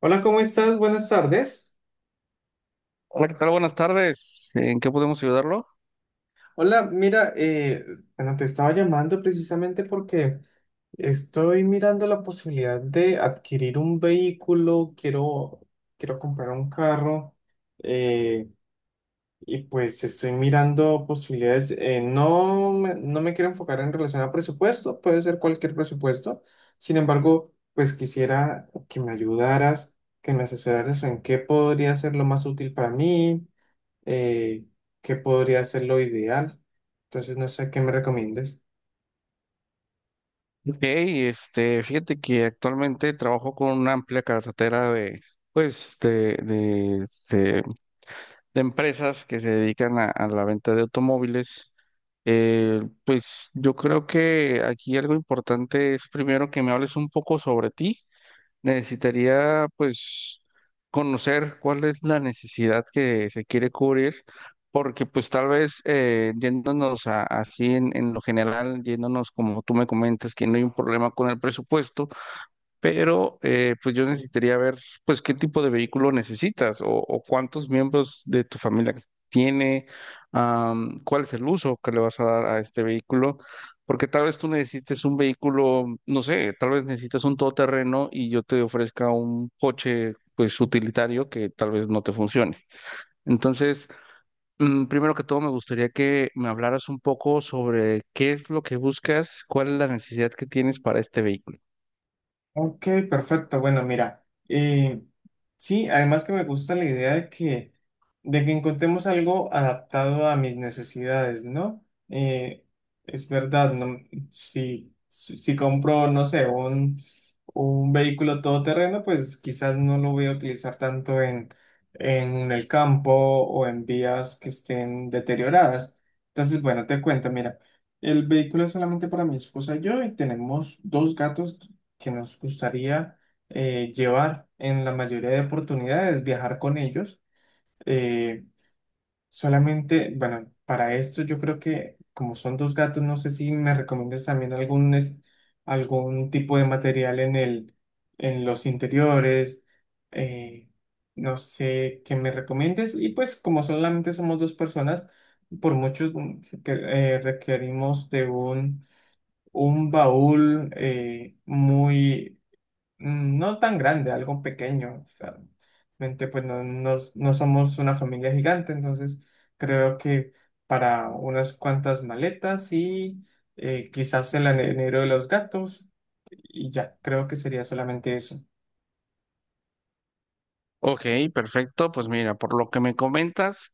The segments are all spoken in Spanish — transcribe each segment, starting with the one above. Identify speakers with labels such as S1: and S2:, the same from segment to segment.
S1: Hola, ¿cómo estás? Buenas tardes.
S2: Hola, ¿qué tal? Buenas tardes. ¿En qué podemos ayudarlo?
S1: Hola, mira, bueno, te estaba llamando precisamente porque estoy mirando la posibilidad de adquirir un vehículo, quiero comprar un carro eh, y pues estoy mirando posibilidades. No me quiero enfocar en relación a presupuesto, puede ser cualquier presupuesto. Sin embargo, pues quisiera que me ayudaras, que me asesoraras en qué podría ser lo más útil para mí, eh, qué podría ser lo ideal. Entonces, no sé qué me recomiendes.
S2: Ok, fíjate que actualmente trabajo con una amplia cartera de, pues, de empresas que se dedican a la venta de automóviles. Pues yo creo que aquí algo importante es primero que me hables un poco sobre ti. Necesitaría, pues, conocer cuál es la necesidad que se quiere cubrir, porque pues tal vez yéndonos así en lo general, yéndonos como tú me comentas, que no hay un problema con el presupuesto, pero pues yo necesitaría ver pues qué tipo de vehículo necesitas o cuántos miembros de tu familia tiene, cuál es el uso que le vas a dar a este vehículo, porque tal vez tú necesites un vehículo, no sé, tal vez necesitas un todoterreno y yo te ofrezca un coche pues utilitario que tal vez no te funcione. Entonces, primero que todo me gustaría que me hablaras un poco sobre qué es lo que buscas, cuál es la necesidad que tienes para este vehículo.
S1: Ok, perfecto. Bueno, mira, sí, además que me gusta la idea de que encontremos algo adaptado a mis necesidades, ¿no? Eh, es verdad, no, si compro, no sé, un vehículo todoterreno, pues quizás no lo voy a utilizar tanto en el campo o en vías que estén deterioradas. Entonces, bueno, te cuento, mira. El vehículo es solamente para mi esposa y yo, y tenemos dos gatos que nos gustaría llevar en la mayoría de oportunidades, viajar con ellos. Eh, Solamente, bueno, para esto yo creo que como son dos gatos, no sé si me recomiendas también algún tipo de material en los interiores. eh, no sé qué me recomiendes. Y pues como solamente somos dos personas, por muchos requerimos de un baúl muy no tan grande, algo pequeño. O sea, realmente, pues no, no, no somos una familia gigante, entonces creo que para unas cuantas maletas y quizás el anero de los gatos, y ya, creo que sería solamente eso.
S2: Ok, perfecto. Pues mira, por lo que me comentas,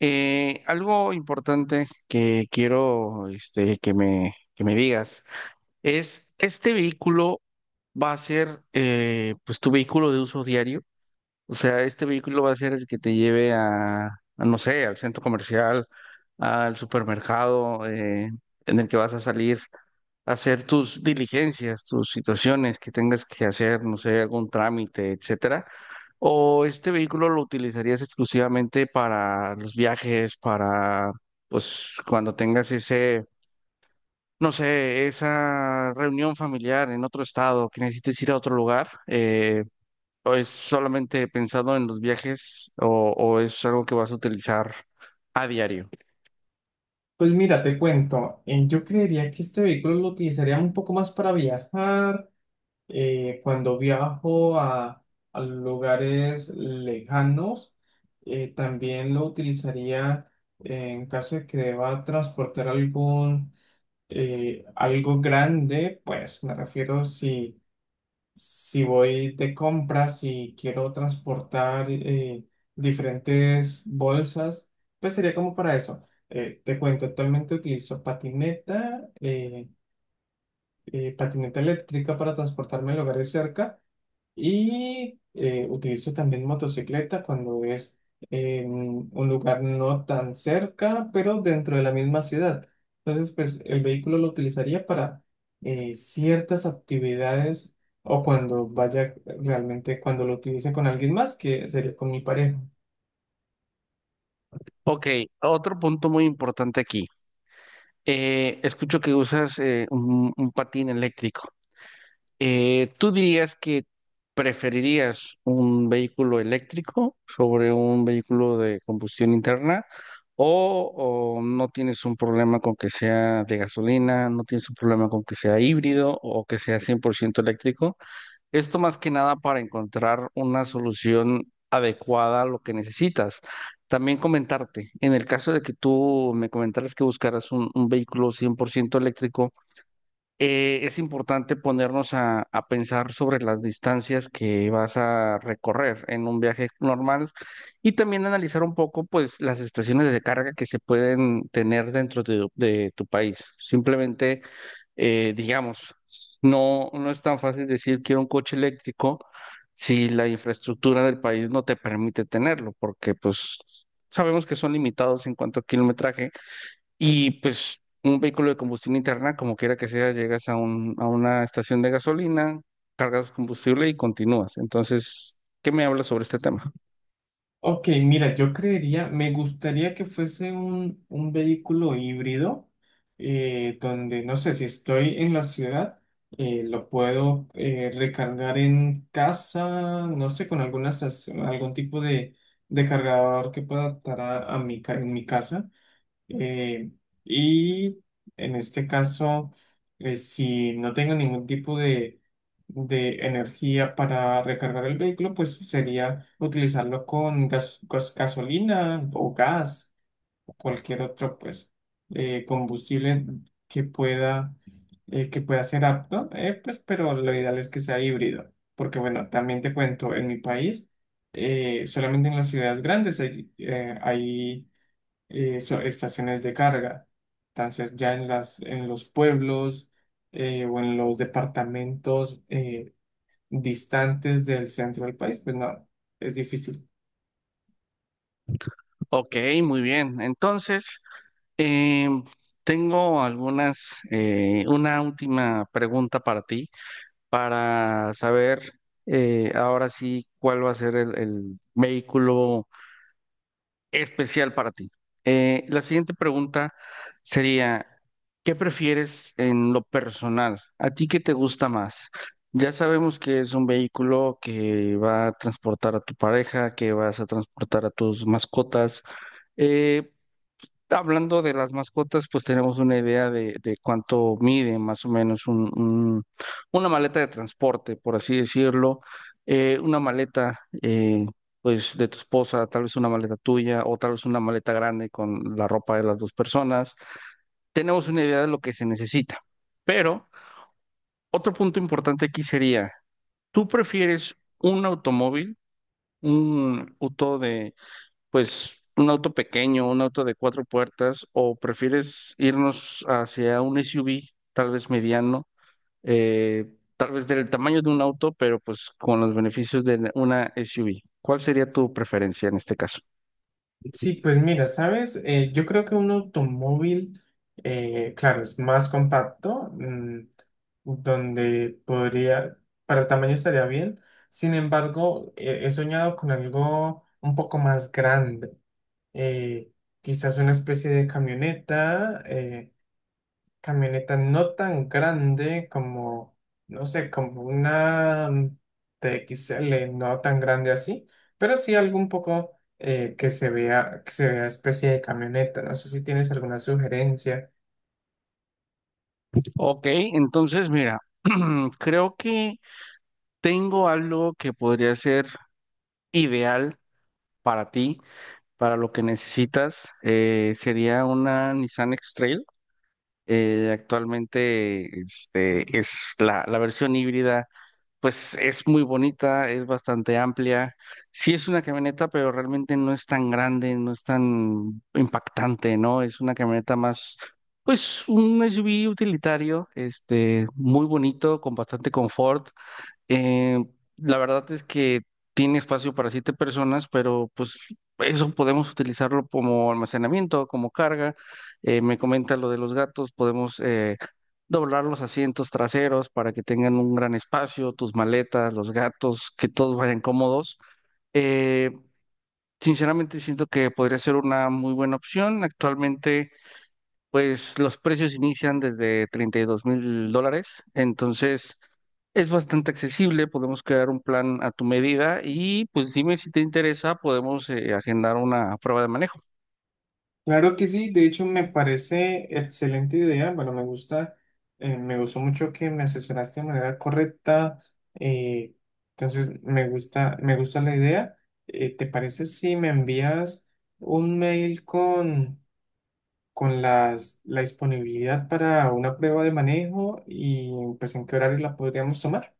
S2: algo importante que quiero que me digas es, ¿este vehículo va a ser pues tu vehículo de uso diario? O sea, ¿este vehículo va a ser el que te lleve a, no sé, al centro comercial, al supermercado, en el que vas a salir, hacer tus diligencias, tus situaciones que tengas que hacer, no sé, algún trámite, etcétera? ¿O este vehículo lo utilizarías exclusivamente para los viajes, pues, cuando tengas ese, no sé, esa reunión familiar en otro estado, que necesites ir a otro lugar? ¿O es solamente pensado en los viajes o es algo que vas a utilizar a diario?
S1: Pues mira, te cuento, yo creería que este vehículo lo utilizaría un poco más para viajar, cuando viajo a lugares lejanos. También lo utilizaría en caso de que deba transportar algo grande, pues me refiero, si, si voy de compras y quiero transportar diferentes bolsas, pues sería como para eso. Te cuento, actualmente utilizo patineta, patineta eléctrica para transportarme a lugares cerca, y utilizo también motocicleta cuando es un lugar no tan cerca, pero dentro de la misma ciudad. Entonces, pues el vehículo lo utilizaría para ciertas actividades, o cuando vaya realmente, cuando lo utilice con alguien más, que sería con mi pareja.
S2: Ok, otro punto muy importante aquí. Escucho que usas un patín eléctrico. ¿Tú dirías que preferirías un vehículo eléctrico sobre un vehículo de combustión interna o no tienes un problema con que sea de gasolina, no tienes un problema con que sea híbrido o que sea 100% eléctrico? Esto más que nada para encontrar una solución adecuada a lo que necesitas. También comentarte, en el caso de que tú me comentaras que buscaras un vehículo 100% eléctrico, es importante ponernos a pensar sobre las distancias que vas a recorrer en un viaje normal y también analizar un poco, pues, las estaciones de carga que se pueden tener dentro de tu país. Simplemente, digamos, no, no es tan fácil decir quiero un coche eléctrico si la infraestructura del país no te permite tenerlo, porque, pues, sabemos que son limitados en cuanto a kilometraje y pues un vehículo de combustión interna, como quiera que sea, llegas a un, a una estación de gasolina, cargas combustible y continúas. Entonces, ¿qué me hablas sobre este tema?
S1: Ok, mira, yo creería, me gustaría que fuese un vehículo híbrido, donde, no sé, si estoy en la ciudad, lo puedo recargar en casa, no sé, con algún tipo de cargador que pueda adaptar en mi casa. Eh, y en este caso, si no tengo ningún tipo de energía para recargar el vehículo, pues sería utilizarlo con gasolina o gas, o cualquier otro, pues, combustible que pueda ser apto, pues, pero lo ideal es que sea híbrido. Porque bueno, también te cuento, en mi país, solamente en las ciudades grandes estaciones de carga. Entonces, ya en en los pueblos o en los departamentos distantes del centro del país, pues no, es difícil.
S2: Ok, muy bien. Entonces, em, tengo una última pregunta para ti, para saber ahora sí cuál va a ser el vehículo especial para ti. La siguiente pregunta sería, ¿qué prefieres en lo personal? ¿A ti qué te gusta más? Ya sabemos que es un vehículo que va a transportar a tu pareja, que vas a transportar a tus mascotas. Eh, Hablando de las mascotas, pues tenemos una idea de cuánto mide más o menos un, una maleta de transporte, por así decirlo. Una maleta, pues, de tu esposa, tal vez una maleta tuya o tal vez una maleta grande con la ropa de las dos personas. Tenemos una idea de lo que se necesita. Pero otro punto importante aquí sería, ¿tú prefieres un automóvil, un auto, pues un auto pequeño, un auto de cuatro puertas, o prefieres irnos hacia un SUV, tal vez mediano, eh, tal vez del tamaño de un auto, pero pues con los beneficios de una SUV? ¿Cuál sería tu preferencia en este caso?
S1: Sí, pues mira, ¿sabes? Yo creo que un automóvil, claro, es más compacto, donde podría, para el tamaño estaría bien. Sin embargo, he soñado con algo un poco más grande. eh, quizás una especie de camioneta, camioneta no tan grande como, no sé, como una TXL, no tan grande así, pero sí algo un poco que se vea especie de camioneta. No sé si tienes alguna sugerencia.
S2: Ok, entonces mira, creo que tengo algo que podría ser ideal para ti, para lo que necesitas. Sería una Nissan X-Trail. Actualmente es la versión híbrida, pues es muy bonita, es bastante amplia. Sí es una camioneta, pero realmente no es tan grande, no es tan impactante, ¿no? Es una camioneta más, pues un SUV utilitario, este, muy bonito, con bastante confort. Eh, la verdad es que tiene espacio para siete personas, pero pues eso podemos utilizarlo como almacenamiento, como carga. Me comenta lo de los gatos, podemos doblar los asientos traseros para que tengan un gran espacio, tus maletas, los gatos, que todos vayan cómodos. Eh, Sinceramente siento que podría ser una muy buena opción. Actualmente, pues los precios inician desde 32 mil dólares, entonces... Es bastante accesible, podemos crear un plan a tu medida y pues dime si te interesa, podemos agendar una prueba de manejo.
S1: Claro que sí, de hecho me parece excelente idea. Bueno, me gusta, me gustó mucho que me asesoraste de manera correcta. eh, entonces me gusta, la idea. ¿Te parece si me envías un mail con la disponibilidad para una prueba de manejo, y pues en qué horario la podríamos tomar.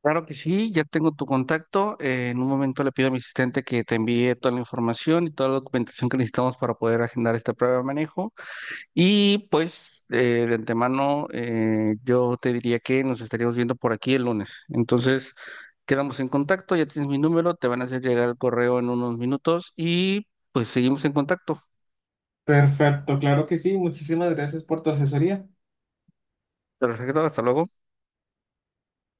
S2: Claro que sí, ya tengo tu contacto. En un momento le pido a mi asistente que te envíe toda la información y toda la documentación que necesitamos para poder agendar esta prueba de manejo. Y pues de antemano, yo te diría que nos estaríamos viendo por aquí el lunes. Entonces quedamos en contacto, ya tienes mi número, te van a hacer llegar el correo en unos minutos y pues seguimos en contacto.
S1: Perfecto, claro que sí. Muchísimas gracias por tu asesoría.
S2: Perfecto, hasta luego.